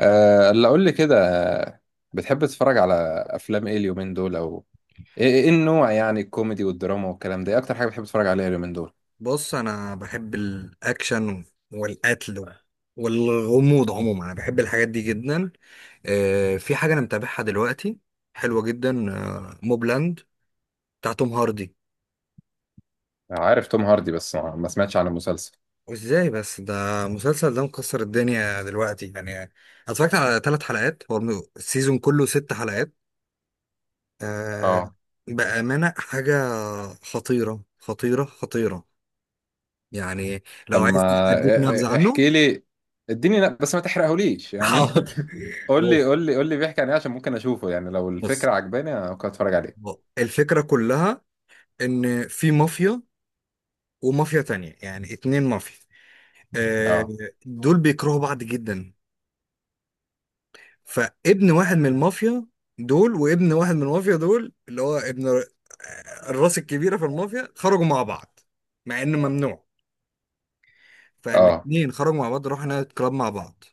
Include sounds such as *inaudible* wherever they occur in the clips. أه اللي اقول لي كده بتحب تتفرج على افلام ايه اليومين دول او إيه النوع يعني الكوميدي والدراما والكلام ده ايه اكتر حاجه بتحب تتفرج عليها اليومين دول. بص، انا بحب الاكشن والقتل والغموض. عموما انا بحب الحاجات دي جدا. في حاجه انا متابعها دلوقتي، حلوه جدا. موبلاند بتاع توم هاردي. عارف توم هاردي، بس ما سمعتش عن المسلسل. وازاي بس؟ ده المسلسل ده مكسر الدنيا دلوقتي. يعني أنا اتفرجت على 3 حلقات، هو السيزون كله 6 حلقات. آه، اه، بامانه حاجه خطيره خطيره خطيره. يعني لو طب عايز ما اديك نبذه عنه. احكي لي. اديني بس ما تحرقهوليش *laughs* يعني حاضر. *laughs* قول لي بص، قول لي قول لي بيحكي عن ايه عشان ممكن اشوفه، يعني لو بص. الفكره عجباني أنا ممكن اتفرج عليه. الفكرة كلها إن في مافيا ومافيا تانية، يعني 2 مافيا. آه، اه. دول بيكرهوا بعض جدا. فابن واحد من المافيا دول وابن واحد من المافيا دول اللي هو الراس الكبيرة في المافيا، خرجوا مع بعض مع إنه ممنوع. اه. فالاتنين خرجوا مع بعض، راحوا نايت كلاب مع بعض.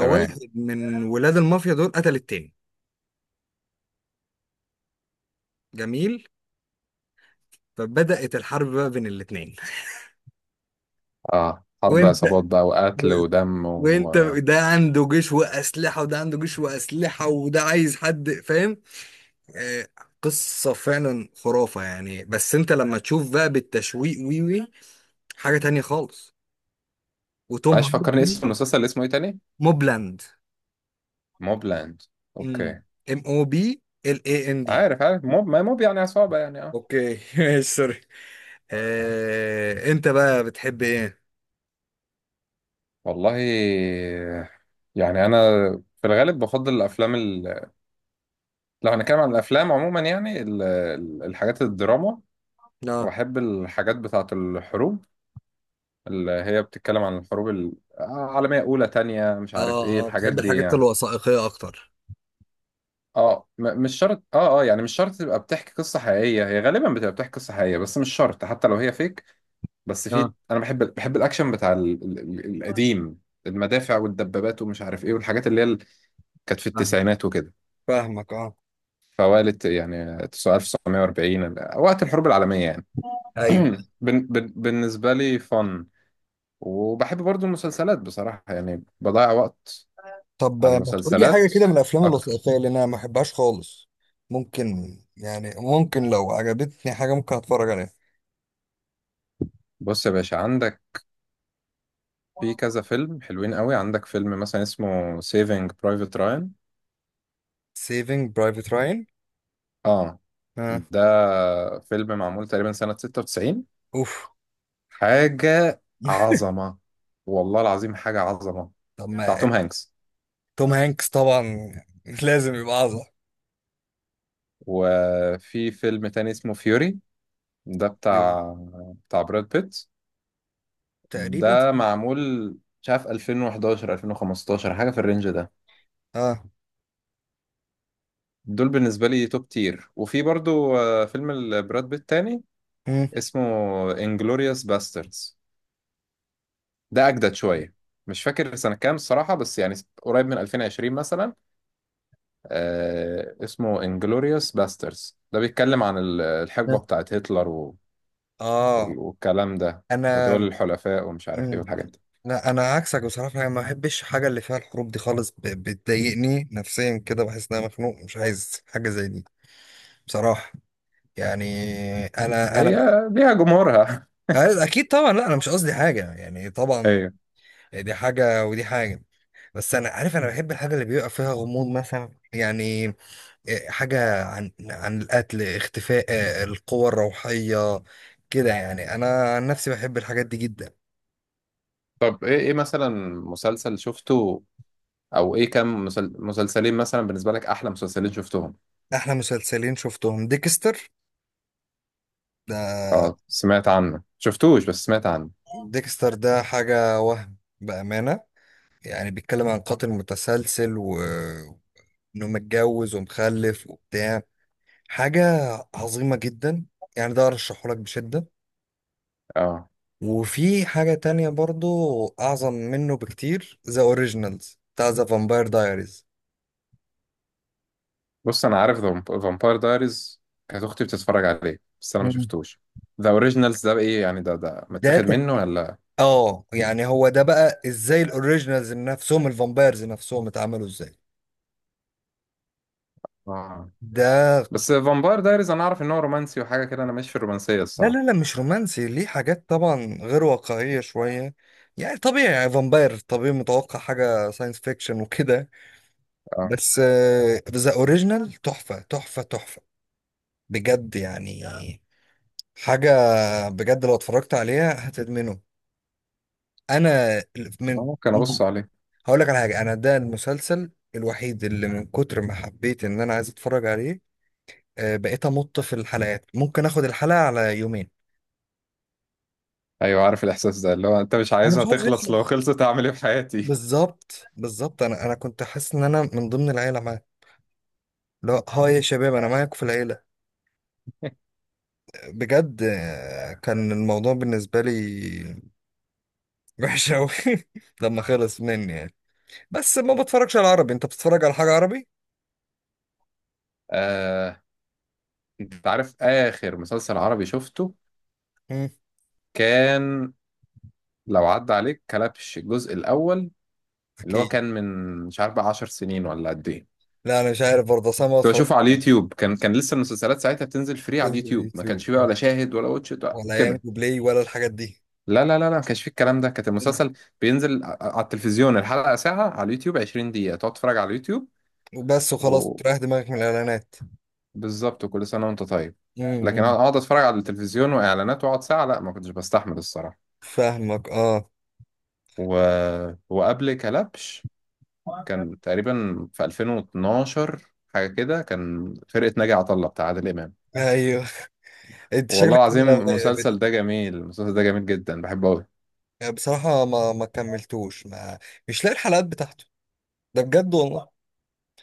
تمام. من ولاد المافيا دول قتل التاني. جميل. فبدأت الحرب بقى بين الاتنين. اه، *laughs* حرب وانت عصابات بقى وقتل ودم و... وانت ده عنده جيش واسلحه وده عنده جيش واسلحه وده، عايز حد فاهم. آه، قصه فعلا خرافه يعني. بس انت لما تشوف بقى بالتشويق، وي وي، حاجه تانية خالص. وتوم معلش فكرني، هاردي. اسم المسلسل اسمه ايه تاني؟ موبلاند. موبلاند. اوكي. MOBLAND. عارف عارف، موب ما موب يعني عصابة يعني، اه. اوكي. *laughs* ماشي، سوري. انت بقى بتحب ايه؟ والله يعني انا في الغالب بفضل الافلام لو هنتكلم عن الافلام عموما، يعني الحاجات الدراما. اه، واحب الحاجات بتاعة الحروب، اللي هي بتتكلم عن الحروب العالمية اولى تانية، مش عارف ايه اه، اه. الحاجات بتحب دي الحاجات يعني. الوثائقيه اكتر؟ اه، مش شرط، اه اه يعني مش شرط تبقى بتحكي قصة حقيقية، هي غالبا بتبقى بتحكي قصة حقيقية، بس مش شرط حتى لو هي فيك. بس في اه. انا بحب الاكشن بتاع القديم، المدافع والدبابات ومش عارف ايه، والحاجات اللي هي كانت في فاهم. التسعينات وكده. فاهمك، اه. فوالة يعني 1940 وقت الحروب العالمية يعني. ايوه. *clears throat* بالنسبة لي فن. وبحب برضو المسلسلات بصراحة، يعني بضيع وقت طب على ما تقول لي حاجة المسلسلات كده من الأفلام اكتر. الوثائقية اللي أنا ما بحبهاش خالص. ممكن، يعني ممكن لو عجبتني حاجة ممكن أتفرج عليها. بص يا باشا، عندك في كذا فيلم حلوين قوي. عندك فيلم مثلا اسمه سيفينج برايفت راين. Saving Private Ryan. اه، آه. ده فيلم معمول تقريبا سنة 96. أوف. حاجة *laughs* عظمة، والله العظيم حاجة عظمة، طب بتاع ما توم هانكس. توم هانكس طبعا لازم يبقى أعظم. وفي فيلم تاني اسمه فيوري، ده بتاع براد بيت. تقريبا. ده معمول مش عارف 2011 2015، حاجة في الرينج ده. آه. دول بالنسبة لي توب تير. وفي برضو فيلم براد بيت تاني مم. اسمه انجلوريوس باستردز، ده أجدد شوية، مش فاكر سنة كام الصراحة بس يعني قريب من 2020 مثلا. اسمه انجلوريوس باسترز، ده بيتكلم عن الحقبة بتاعت هتلر آه. والكلام ده، أنا. ودول الحلفاء ومش عارف ايه مم. والحاجات دي. لا، أنا عكسك بصراحة، أنا ما بحبش الحاجة اللي فيها الحروب دي خالص. بتضايقني نفسيا كده، بحس إن أنا مخنوق، مش عايز حاجة زي دي. بصراحة. يعني أنا. هي ليها جمهورها. اكيد طبعا. لا انا مش قصدي حاجه يعني، *laughs* طبعا ايوه. دي حاجه ودي حاجه. بس انا عارف انا بحب الحاجه اللي بيبقى فيها غموض مثلا. يعني حاجه عن القتل، اختفاء، القوى الروحيه كده. يعني انا عن نفسي بحب الحاجات دي جدا. طب ايه ايه مثلا مسلسل شفته، او ايه كام مسلسلين مثلا بالنسبة لك احلى مسلسلين شفتهم؟ احلى مسلسلين شفتهم ديكستر. ده. اه سمعت عنه، شفتوش بس سمعت عنه. ديكستر ده حاجه وهم بامانه. يعني بيتكلم عن قاتل متسلسل، وانه متجوز ومخلف وبتاع. حاجة عظيمة جدا. يعني ده أرشحه لك بشدة. اه. وفي حاجة تانية برضو أعظم منه بكتير، ذا أوريجينالز بتاع ذا فامباير دايريز. بص انا عارف فامباير دايريز، كانت اختي بتتفرج عليه بس انا ما مم. شفتوش. ذا اوريجينالز ده ايه يعني؟ ده ده ده متاخد منه تك... ولا؟ اه، يعني هو ده بقى ازاي الأوريجينالز نفسهم، الفامبايرز نفسهم اتعملوا ازاي. اه ده. بس فامباير دايريز انا اعرف ان هو رومانسي وحاجه كده، انا ماشي في الرومانسيه لا، لا، لا، الصراحه. مش رومانسي. ليه حاجات طبعا غير واقعية شوية. يعني طبيعي، يعني فامباير طبيعي، متوقع حاجة ساينس فيكشن وكده. اه. بس ذا أوريجينال تحفة، تحفة، تحفة. بجد يعني. حاجة. بجد لو اتفرجت عليها هتدمنه. انا. من. ممكن مم. ابص عليه. هقول لك على حاجة. انا ده المسلسل الوحيد اللي من كتر ما حبيت ان انا عايز اتفرج عليه، بقيت امط في الحلقات، ممكن اخد الحلقة على يومين. ايوه عارف الاحساس ده، اللي هو انت مش انا مش عايزها عايز تخلص، لو يخلص. خلصت اعمل ايه في حياتي. بالظبط، بالظبط. انا كنت حاسس ان انا من ضمن العيلة معاه. لا، هاي يا شباب، انا معاكم في العيلة. بجد. كان الموضوع بالنسبة لي وحش قوي. *laughs* لما خلص مني يعني. بس ما بتفرجش على عربي؟ انت بتتفرج على حاجة عربي؟ *laughs* آه. انت عارف اخر مسلسل عربي شفته كان؟ لو عدى عليك كلبش الجزء الاول، اللي هو اكيد. كان من مش عارف بقى 10 سنين ولا قد ايه. لا انا مش عارف برضه، اصلا ما كنت اتفرجش. بشوفه على على اليوتيوب، كان لسه المسلسلات ساعتها بتنزل فري على تنزل اليوتيوب، ما اليوتيوب؟ كانش فيه بقى ولا شاهد ولا واتش إت ولا ولا كده. يانجو بلاي ولا الحاجات دي. لا ما كانش فيه الكلام ده، كانت مم. المسلسل بينزل على التلفزيون الحلقة ساعة، على اليوتيوب 20 دقيقة تقعد تتفرج على اليوتيوب. وبس وخلاص، تريح دماغك من الاعلانات. وبالظبط، وكل سنة وانت طيب. لكن أنا امم. اقعد اتفرج على التلفزيون واعلانات واقعد ساعة، لا ما كنتش بستحمل الصراحة. فاهمك، اه. و... وقبل كلبش كان تقريبا في 2012 حاجة كده، كان فرقة ناجي عطا الله بتاع عادل إمام. ايوه. *laughs* انت والله شكلك كده. العظيم بت- المسلسل ده جميل، المسلسل ده جميل جدا، بحبه أوي. بصراحه ما كملتوش. ما مش لاقي الحلقات بتاعته. ده بجد والله.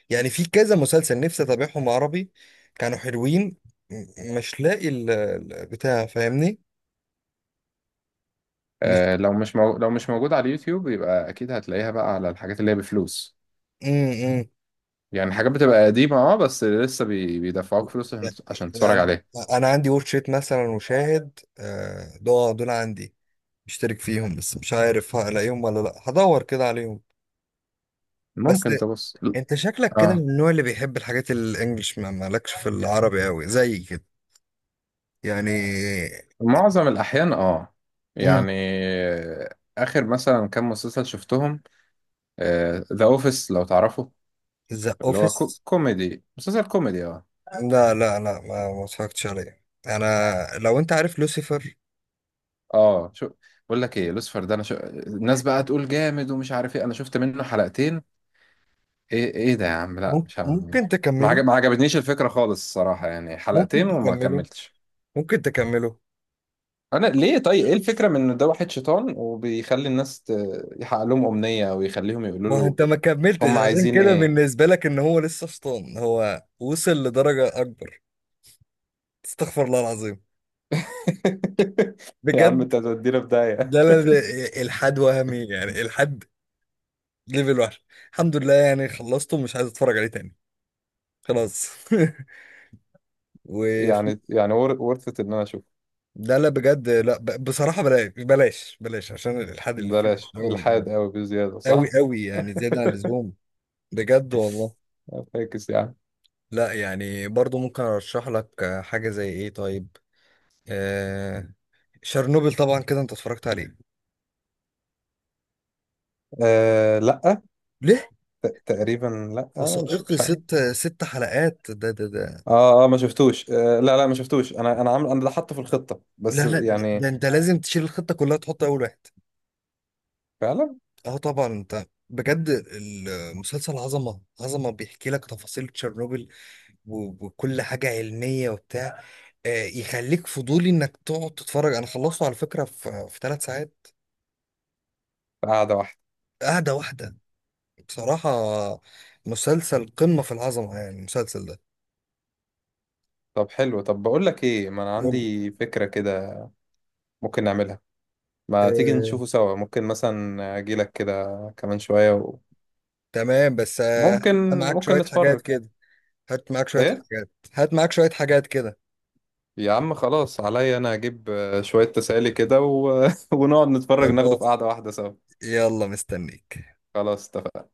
يعني في كذا مسلسل نفسي اتابعهم عربي، كانوا حلوين. مش لاقي بتاع، فاهمني؟ مش. لو مش لو مش موجود على اليوتيوب يبقى أكيد هتلاقيها بقى على الحاجات اللي هي بفلوس. امم. يعني حاجات بتبقى قديمة، اه، بس لسه بيدفعوك فلوس عشان عشان تتفرج يعني عليها. انا عندي ورك شيت مثلا وشاهد، دول عندي مشترك فيهم. بس مش عارف هلاقيهم ولا لا، هدور كده عليهم. بس ممكن تبص. انت شكلك كده من اه. النوع اللي بيحب الحاجات الانجليش، ما مالكش في العربي قوي زي كده يعني. معظم الأحيان اه امم. يعني. آخر مثلا كام مسلسل شفتهم؟ ذا أوفيس لو تعرفه، ذا اللي هو اوفيس. كوميدي، مسلسل كوميدي اه. لا، لا، لا، ما اتفرجتش عليه انا. لو انت عارف لوسيفر. اه شو. بقول لك ايه، لوسيفر ده انا الناس بقى تقول جامد ومش عارف ايه، انا شفت منه حلقتين. ايه ايه ده يا عم، لا مش ممكن عارف. ممكن ما تكمله، ما عجبتنيش الفكرة خالص الصراحة يعني، ممكن حلقتين وما تكمله، كملتش. ممكن تكمله. انا ليه طيب ايه الفكره من ان ده واحد شيطان وبيخلي الناس يحقق لهم امنيه او يخليهم يقولوا ما هو له انت ما كملتش، هم عشان عايزين كده ايه؟ بالنسبة لك ان هو لسه شيطان. هو وصل لدرجة اكبر. استغفر الله العظيم. *laughs* يا عم بجد. انت هتودينا في داهيه. لا، لا، لا، الحاد وهمي يعني. الحاد ليفل وحش. الحمد لله يعني خلصته، مش عايز اتفرج عليه تاني. خلاص. *laughs* و. يعني ورثة ان انا اشوف. لا، لا، بجد لا. بصراحة بلاش، بلاش، بلاش، عشان الالحاد اللي فيه مش بلاش قوي يعني. الحاد قوي بزياده، قوي، صح. قوي، يعني زيادة عن اللزوم. بجد والله. *laughs* فاكس يعني. لا يعني برضو ممكن ارشح لك حاجة. زي ايه طيب؟ آه، شرنوبل، طبعا كده انت اتفرجت عليه. آه لا. ليه؟ تقريبا لا، مش وثائقي، اه. مش عارف. ست حلقات. ده. اه اه ما شفتوش، آه لا لا ما شفتوش، انا انا عامل، انا ده حاطه في الخطه لا، بس لا، ده, يعني. ده انت لازم تشيل الخطة كلها، تحط اول واحد. فعلا. اه طبعا. انت بجد المسلسل عظمة، عظمة. بيحكي لك تفاصيل تشيرنوبل وكل حاجة علمية وبتاع. يخليك فضولي انك تقعد تتفرج. انا خلصته على فكرة في 3 ساعات. قاعده واحده. قاعدة واحدة بصراحة. مسلسل قمة في العظمة يعني، المسلسل ده. طب حلو، طب بقول لك ايه، ما انا قول. عندي فكره كده ممكن نعملها. ما تيجي آه، نشوفه سوا، ممكن مثلا اجيلك كده كمان شوية و... تمام. بس ممكن معاك ممكن شوية حاجات نتفرج. كده. هات معاك شوية ايه حاجات، هات معاك شوية حاجات كده. يا عم خلاص عليا انا، اجيب شوية تسالي كده و... *laughs* ونقعد نتفرج، ناخده في خلاص، قعدة واحدة سوا. يلا مستنيك. خلاص اتفقنا.